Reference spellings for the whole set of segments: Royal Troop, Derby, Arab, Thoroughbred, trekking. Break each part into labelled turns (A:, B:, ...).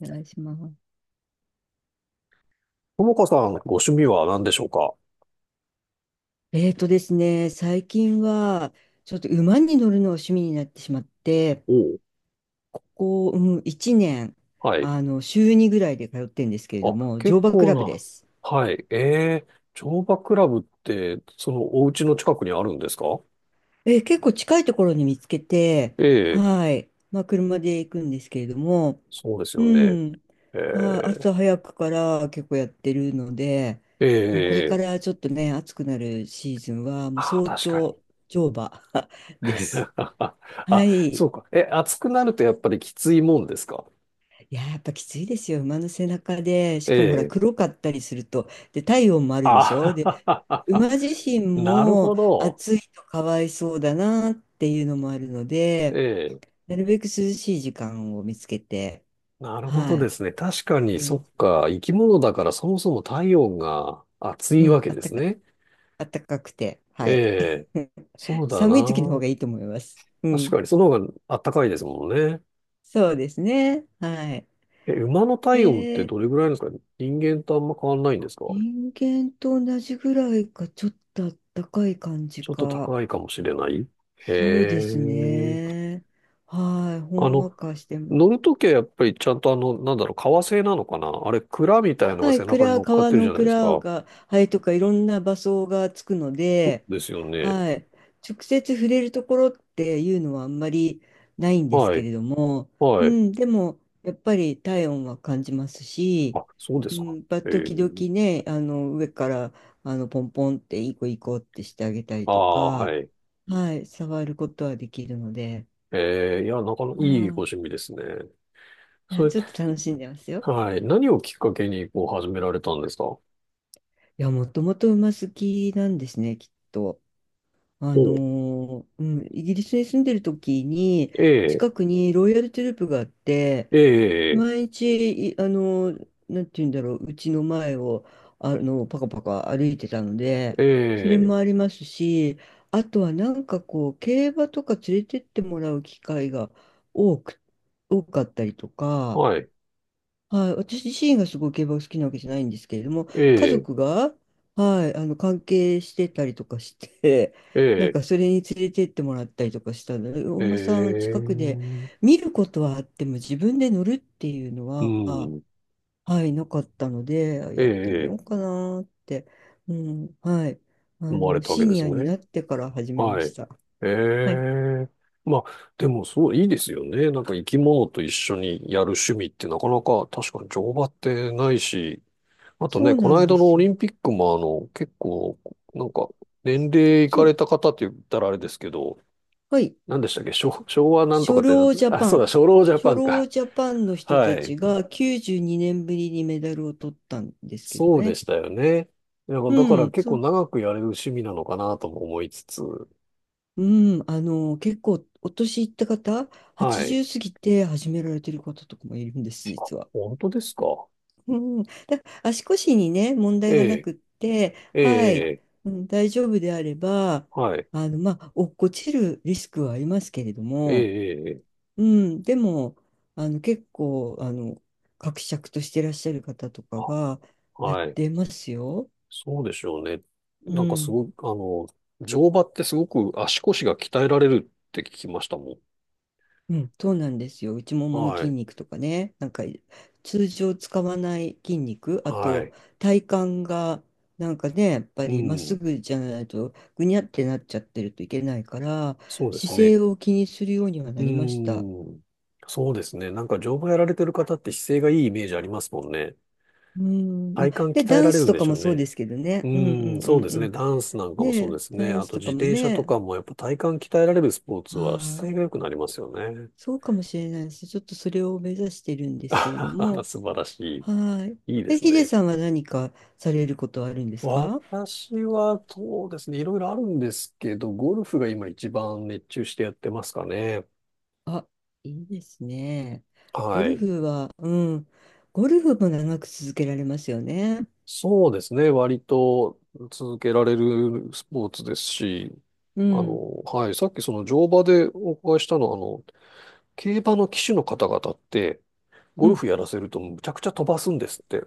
A: お願いします。
B: ともかさん、ご趣味は何でしょうか？
A: えーとですね、最近はちょっと馬に乗るのが趣味になってしまって、
B: おう
A: ここ1年、
B: はい。
A: あの週2ぐらいで通ってるんですけれど
B: あ、
A: も、乗
B: 結
A: 馬ク
B: 構
A: ラブで
B: な。
A: す。
B: はい。ええ乗馬クラブって、そのお家の近くにあるんですか？
A: 結構近いところに見つけて、
B: ええ
A: はい、まあ、車で行くんですけれども、
B: そうです
A: う
B: よね。
A: ん、はい、
B: え
A: 朝早くから結構やってるので、もうこれか
B: えええ
A: らちょっとね、暑くなるシーズンは、もう
B: あ、
A: 早
B: 確か
A: 朝
B: に。
A: 乗馬 です。
B: あ、
A: は
B: あそ
A: い。
B: うか。え、暑くなるとやっぱりきついもんですか？
A: いやー、やっぱきついですよ。馬の背中で、しかもほら、
B: ええ
A: 黒かったりすると、で、体温もあるでしょ。で、
B: あ、
A: 馬自身
B: なるほ
A: も
B: ど。
A: 暑いとかわいそうだなっていうのもあるので、
B: ええ
A: なるべく涼しい時間を見つけて、
B: なるほど
A: は
B: で
A: い。
B: すね。確かに、
A: う
B: そっ
A: ん、
B: か。生き物だからそもそも体温が暑
A: う
B: いわ
A: ん
B: け
A: あっ
B: で
A: た
B: す
A: か、
B: ね。
A: あったかくて、
B: え
A: はい。
B: え、そうだ
A: 寒い時の方
B: な。
A: がいいと思います。う
B: 確
A: ん。
B: かに、その方があったかいですもんね。
A: そうですね。はい。
B: え、馬の体温っ
A: え
B: て
A: ー
B: どれぐらいなんですか？人間とあんま変わんないんですか？
A: 人間と同じぐらいか、ちょっとあったかい感じ
B: ちょっと
A: か。
B: 高いかもしれない。へ
A: そうです
B: え。
A: ね。はい、ほ
B: あ
A: ん
B: の、
A: わかしても。
B: 乗るときはやっぱりちゃんとあの、なんだろう、革製なのかなあれ、鞍みたいのが
A: は
B: 背
A: い、
B: 中に乗っかっ
A: 川
B: てるじ
A: の
B: ゃないです
A: 蔵
B: か。
A: が、はい、とかいろんな場所がつくので、
B: ですよね。
A: はい、直接触れるところっていうのはあんまりないんです
B: は
A: け
B: い。
A: れども、
B: は
A: う
B: い。
A: ん、でもやっぱり体温は感じますし、
B: あ、そうで
A: う
B: すか。
A: ん、やっぱ
B: え
A: 時々
B: え。
A: ね、あの上から、あのポンポンっていい子いい子ってしてあげたり
B: あ
A: と
B: あ、
A: か、
B: はい。
A: はい、触ることはできるので。
B: ええ、いや、なかなかい
A: は
B: いご趣
A: い、
B: 味ですね。
A: い
B: そ
A: や、
B: れ
A: ちょっと楽しんでますよ。
B: はい。何をきっかけに、こう、始められたんですかほ
A: いや、もともと馬好きなんですね、きっと。
B: う。
A: イギリスに住んでる時に、
B: ええ、
A: 近くにロイヤルトゥループがあって、
B: ええ、
A: 毎日、あのーなんて言うんだろう、うちの前を、あの、パカパカ歩いてたので、
B: え
A: それ
B: え、
A: もありますし、あとはなんかこう、競馬とか連れてってもらう機会が多く、多かったりとか、
B: はい。
A: はい、私自身がすごい競馬が好きなわけじゃないんですけれども、
B: え
A: 家
B: え、
A: 族が、はい、あの関係してたりとかして、なん
B: え
A: かそれに連れてってもらったりとかしたので、お
B: え、え
A: 馬さん近くで
B: え、
A: 見ることはあっても自分で乗るっていうの
B: う
A: は、
B: ん。
A: はい、なかったので、
B: え
A: やってみよ
B: え、ええ
A: うかなって、うん、はい、あ
B: 思われ
A: の、
B: たわ
A: シ
B: けで
A: ニ
B: す
A: アに
B: ね。
A: なってから始めま
B: は
A: し
B: い。
A: た。
B: え
A: はい、
B: え。まあ、でも、そう、いいですよね。なんか、生き物と一緒にやる趣味ってなかなか、確かに乗馬ってないし、あと
A: そ
B: ね、
A: うな
B: この
A: んで
B: 間の
A: す
B: オ
A: よ。
B: リンピックも、あの、結構、なんか、年齢いか
A: そ
B: れ
A: う、
B: た方って言ったらあれですけど、
A: はい。
B: 何でしたっけ昭和なんとか
A: 初
B: ってなん
A: 老ジャ
B: あ、そ
A: パ
B: うだ、
A: ン。
B: 初老ジャパ
A: 初
B: ン
A: 老
B: か。
A: ジャパンの人
B: は
A: た
B: い。
A: ちが92年ぶりにメダルを取ったんですけど
B: そうで
A: ね。
B: したよね。いや
A: う
B: だから
A: ん、
B: 結構
A: そ、
B: 長くやれる趣味なのかなとも思いつつ。
A: うん、あの、結構お年いった方、
B: はい。
A: 80過ぎて始められてる方とかもいるんです、実は。
B: 本当ですか？
A: うん、だ、足腰にね、問
B: え
A: 題がな
B: え、
A: くって、
B: え
A: は
B: え、
A: い、
B: ええ
A: うん、大丈夫であれば、
B: はい。
A: あの、まあ、落っこちるリスクはありますけれど
B: え
A: も、
B: え、ええ、
A: うん、でも、あの、伯爵としていらっしゃる方とか
B: あ、
A: がやっ
B: はい。
A: てますよ。
B: そうでしょうね。
A: う
B: なんかす
A: ん。
B: ごく、あの、乗馬ってすごく足腰が鍛えられるって聞きましたも
A: うん、そうなんですよ。内も
B: ん。
A: もの
B: は
A: 筋
B: い。
A: 肉とかね、なんか通常使わない筋肉、あ
B: は
A: と
B: い。
A: 体幹がなんかね、やっぱ
B: う
A: りまっす
B: ん。
A: ぐじゃないとぐにゃってなっちゃってるといけないから、
B: そうです
A: 姿
B: ね。
A: 勢を気にするようには
B: う
A: な
B: ー
A: りました。
B: ん。そうですね。なんか乗馬やられてる方って姿勢がいいイメージありますもんね。
A: うん、
B: 体
A: まあ、
B: 幹
A: で、
B: 鍛え
A: ダ
B: ら
A: ン
B: れ
A: ス
B: るん
A: と
B: で
A: か
B: しょ
A: も
B: う
A: そうで
B: ね。
A: すけど
B: う
A: ね。うんう
B: ーん、
A: んう
B: そうで
A: んう
B: すね。
A: ん。
B: ダンスなんかも
A: ね
B: そうで
A: え、
B: すね。
A: ダン
B: あ
A: ス
B: と
A: と
B: 自
A: かも
B: 転車と
A: ね、
B: かもやっぱ体幹鍛えられるスポー
A: あ
B: ツは
A: あ、
B: 姿勢が良くなりますよね。
A: そうかもしれないです。ちょっとそれを目指してるんで
B: あ
A: すけれど
B: はは
A: も。
B: 素晴らし
A: はい。
B: い。いいで
A: え、
B: す
A: ヒデ
B: ね。
A: さんは何かされることはあるんですか？
B: 私はそうですね。いろいろあるんですけど、ゴルフが今一番熱中してやってますかね。
A: あ、いいですね。
B: は
A: ゴル
B: い。
A: フは、うん。ゴルフも長く続けられますよね。
B: そうですね。割と続けられるスポーツですし、
A: う
B: あ
A: ん。
B: の、はい、さっきその乗馬でお伺いしたのは、あの、競馬の騎手の方々って、
A: う
B: ゴル
A: ん、
B: フやらせるとむちゃくちゃ飛ばすんですって。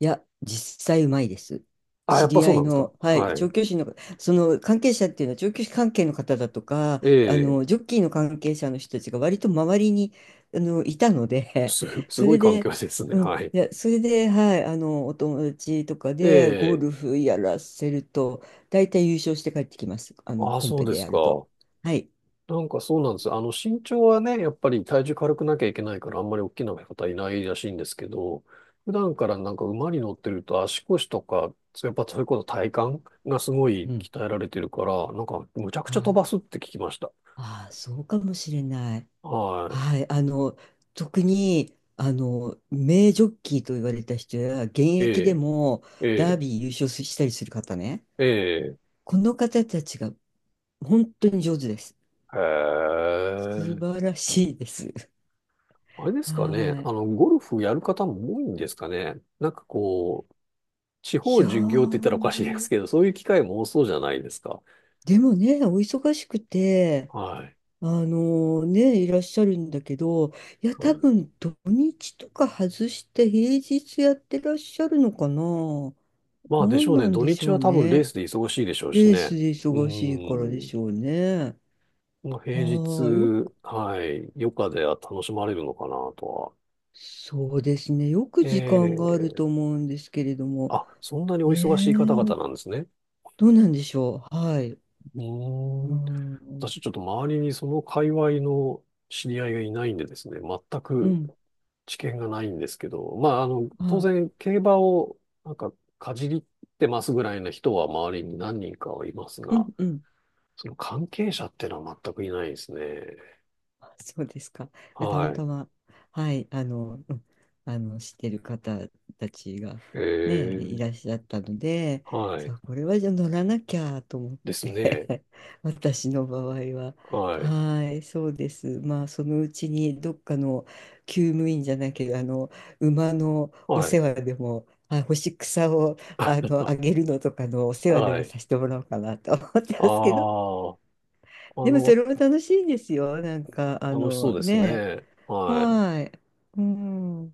A: いや、実際うまいです。
B: あ、や
A: 知
B: っぱ
A: り
B: そ
A: 合
B: うな
A: い
B: んですか。
A: の、はい、
B: はい。
A: 調教師の、その関係者っていうのは、調教師関係の方だとか、
B: え
A: あ
B: え、
A: の、ジョッキーの関係者の人たちが割と周りに、あの、いたので、
B: す、す
A: そ
B: ごい
A: れ
B: 環
A: で、
B: 境ですね。
A: うん、
B: はい。
A: いや、それで、はい、あの、お友達とか
B: え
A: でゴ
B: え、
A: ルフやらせると、大体優勝して帰ってきます。あの、
B: あ、
A: コン
B: そう
A: ペ
B: で
A: で
B: す
A: やると。
B: か。
A: はい。
B: なんかそうなんですよ。あの、身長はね、やっぱり体重軽くなきゃいけないから、あんまり大きな方いないらしいんですけど、普段からなんか馬に乗ってると足腰とか、やっぱそういうこと体幹がすごい
A: うん。
B: 鍛えられてるから、なんかむちゃく
A: は
B: ちゃ飛
A: い。
B: ばすって聞きました。
A: ああ、そうかもしれない。
B: は
A: はい、あの、特に、あの、名ジョッキーと言われた人や、現
B: い。え
A: 役で
B: え、
A: も
B: え
A: ダー
B: え、
A: ビー優勝したりする方ね、
B: ええ、
A: この方たちが本当に上手です。
B: へ
A: 素
B: え。
A: 晴らしいです。
B: あれで すかね。
A: は
B: あ
A: い。
B: の、ゴルフやる方も多いんですかね。なんかこう、地方
A: いや
B: 巡業って言ったらおかしいです
A: ー、
B: けど、そういう機会も多そうじゃないですか。
A: でもね、お忙しくて、
B: はい。
A: あのね、いらっしゃるんだけど、いや、
B: は
A: 多
B: い
A: 分土日とか外して平日やってらっしゃるのかな。
B: まあでし
A: 何
B: ょう
A: な
B: ね。
A: ん
B: 土
A: でし
B: 日
A: ょ
B: は
A: う
B: 多分レー
A: ね。
B: スで忙しいでしょうし
A: レース
B: ね。
A: で
B: う
A: 忙しいからで
B: ーん。
A: しょうね。
B: まあ、平日、
A: ああ、よく、
B: はい。余暇では楽しまれるのかなとは。
A: そうですね。よく時間がある
B: ええ
A: と思うんですけれども。
B: あ、そんなにお
A: ね
B: 忙しい方
A: え、
B: 々なんですね。
A: どうなんでしょう。はい。
B: う
A: う
B: ーん。
A: ん、
B: 私ちょっと周りにその界隈の知り合いがいないんでですね。全
A: う
B: く
A: ん、
B: 知見がないんですけど。まあ、あの、当
A: はい。
B: 然競馬をなんかかじりってますぐらいな人は周りに何人かはいます
A: うん、
B: が、
A: うん。
B: その関係者っていうのは全くいないですね。
A: そうですか。たま
B: はい。
A: たま、はい、あの、うん、あの、知ってる方たちが
B: え
A: ね、い
B: え、
A: らっしゃったので、
B: は
A: さ
B: い。
A: あ、これはじゃあ乗らなきゃと思っ
B: ですね。
A: て 私の場合は、
B: はい。
A: はい、そうです。まあ、そのうちにどっかの厩務員じゃなきゃ、あの、馬のお
B: はい。
A: 世話でも、あ、干し草をあの
B: あ、
A: あげるのとかのお世話で
B: は
A: も
B: い。
A: させてもらおうかなと思って
B: あ
A: ますけど、
B: あ、あ
A: でもそ
B: の、
A: れも楽しいんですよ。なんか、あ
B: 楽しそ
A: の
B: うです
A: ね、
B: ね。はい。
A: はい。うん。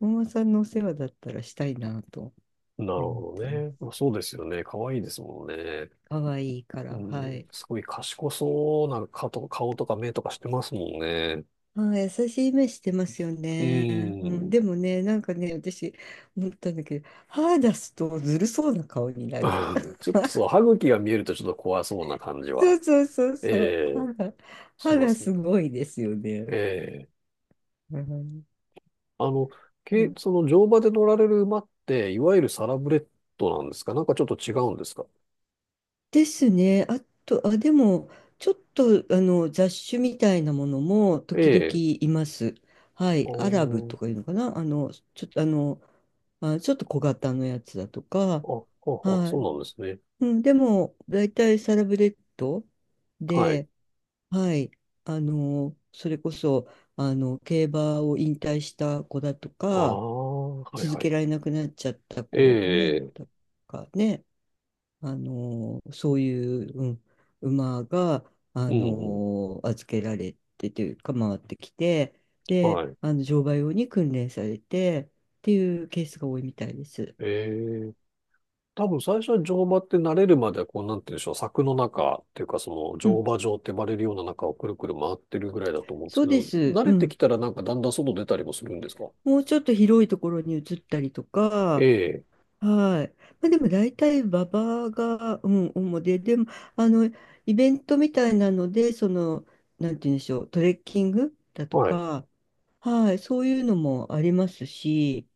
A: お馬さんのお世話だったらしたいなと
B: なる
A: 思っ
B: ほど
A: てま
B: ね。
A: す。
B: そうですよね。可愛いですもんね。
A: 可愛いか
B: う
A: ら、は
B: ん、
A: い。
B: すごい賢そうな顔とか目とかしてますもんね。
A: ああ、優しい目してますよ
B: う
A: ね。うん、
B: ん。
A: でもね、なんかね、私、思ったんだけど、歯出すとずるそうな顔に なる。
B: あーちょっとそう、歯茎が見えるとちょっと怖そうな感じ
A: そ
B: は、
A: うそうそうそう。
B: ええ、し
A: 歯
B: ま
A: が
B: すね。
A: すごいですよね。
B: ええ。
A: うん。
B: あの、け、その乗馬で乗られる馬って、いわゆるサラブレッドなんですか？なんかちょっと違うんですか？
A: ですね。あと、あ、でも、ちょっと、あの、雑種みたいなものも
B: え
A: 時々
B: え。
A: います。は
B: あ
A: い。アラブ
B: ー
A: とかいうのかな、あの、ちょっと、あの、まあ、ちょっと小型のやつだとか、
B: あ、あ、あ、
A: は
B: そうなんですね。
A: い。うん、でも、大体サラブレッド
B: はい。
A: で、はい。あの、それこそ、あの、競馬を引退した子だと
B: あ
A: か、
B: あ、はい
A: 続
B: は
A: け
B: い。
A: られなくなっちゃった子
B: え
A: ね、
B: え、
A: とかね、あのそういう、うん、馬が、
B: う
A: あ
B: ん、う
A: の預けられてというか回ってきて、
B: ん、
A: で
B: はい。
A: あの乗馬用に訓練されてっていうケースが多いみたいです。
B: ええ、多分最初は乗馬って慣れるまでは、こう、なんて言うんでしょう、柵の中っていうか、その
A: う
B: 乗
A: ん、
B: 馬場って呼ばれるような中をくるくる回ってるぐらいだと思うんです
A: そう
B: け
A: で
B: ど、
A: す。
B: 慣
A: う
B: れて
A: ん、
B: きたらなんかだんだん外出たりもするんですか？
A: もうちょっと広いところに移ったりと
B: え
A: か、
B: え、
A: はい。まあ、でも大体馬場が、うん、主で、でもあのイベントみたいなのでそのなんて言うんでしょう、トレッキングだと
B: はい、
A: か、はい、そういうのもありますし。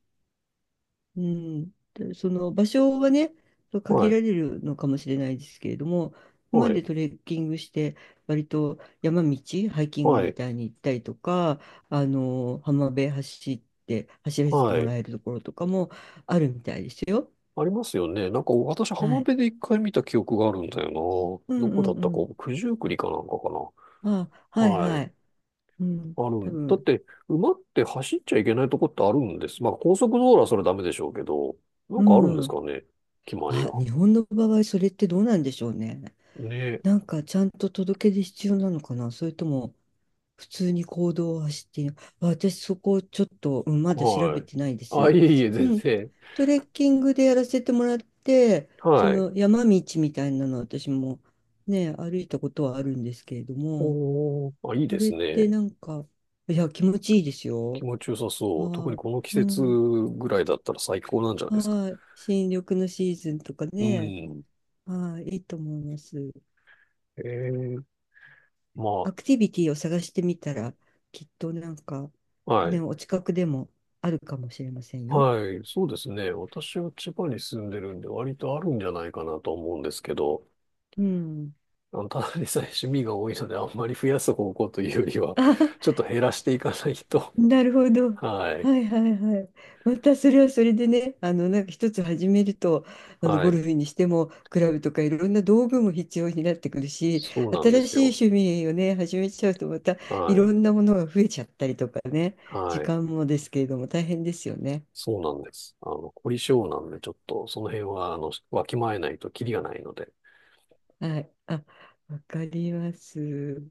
A: うん、でその場所はね、そう
B: は
A: 限ら
B: い、
A: れるのかもしれないですけれども、今
B: は
A: まで
B: い、
A: トレッキングして、割と山道、ハイキング
B: は
A: み
B: い、
A: たいに行ったりとか、あの浜辺走って、走らせて
B: は
A: も
B: い。
A: らえるところとかもあるみたいですよ。
B: ありますよね。なんか私、
A: は
B: 浜
A: い。
B: 辺で一回見た記憶があるんだよ
A: う
B: な。
A: ん
B: ど
A: う
B: こだっ
A: んう
B: たか、
A: ん。
B: 九十九里かなんかか
A: あ、
B: な。
A: はい
B: は
A: は
B: い。
A: い。うん、
B: あ
A: 多
B: る。だっ
A: 分。
B: て、馬って走っちゃいけないとこってあるんです。まあ、高速道路はそれダメでしょうけど、なんかあるんで
A: う
B: す
A: ん。
B: かね。決まり
A: あ、
B: が。
A: 日本の場合、それってどうなんでしょうね。
B: ね。
A: なんかちゃんと届け出必要なのかな、それとも普通に行動を走っている。あ、私そこちょっと、うん、まだ調べ
B: はい。
A: てないで
B: あ、
A: す。
B: いえいえ、全
A: うん。
B: 然。
A: トレッキングでやらせてもらって、そ
B: はい。
A: の山道みたいなの私もね、歩いたことはあるんですけれども、
B: おー、あ、いい
A: あ
B: で
A: れ
B: す
A: って
B: ね。
A: なんか、いや、気持ちいいです
B: 気
A: よ。
B: 持ちよさそう。特
A: は
B: にこの季
A: い。う
B: 節
A: ん。
B: ぐらいだったら最高なんじゃないですか。
A: はい。新緑のシーズンとか
B: う
A: ね。
B: ん。
A: はい。いいと思います。
B: ええ、ま
A: アクティビティを探してみたら、きっとなんか、
B: あ、は
A: ね、
B: い。
A: お近くでもあるかもしれませんよ。
B: はい、そうですね。私は千葉に住んでるんで、割とあるんじゃないかなと思うんですけど、
A: うん。
B: あのただでさえ趣味が多いので、あんまり増やす方向というよりは、ちょっと 減らしていかないと。
A: あ、なるほ ど。
B: はい、
A: はいはいはい。またそれはそれでね、あの、なんか一つ始めると、あの、
B: は
A: ゴル
B: い。
A: フにしても、クラブとかいろんな道具も必要になってくるし、
B: そうなんで
A: 新
B: す
A: し
B: よ。
A: い趣味をね、始めちゃうと、またい
B: は
A: ろ
B: い、
A: んなものが増えちゃったりとかね、時
B: はい。
A: 間もですけれども、大変ですよね。
B: そうなんです。あの、凝り性なんで、ちょっとその辺は、あの、わきまえないとキリがないので。
A: はい。あ、わかります。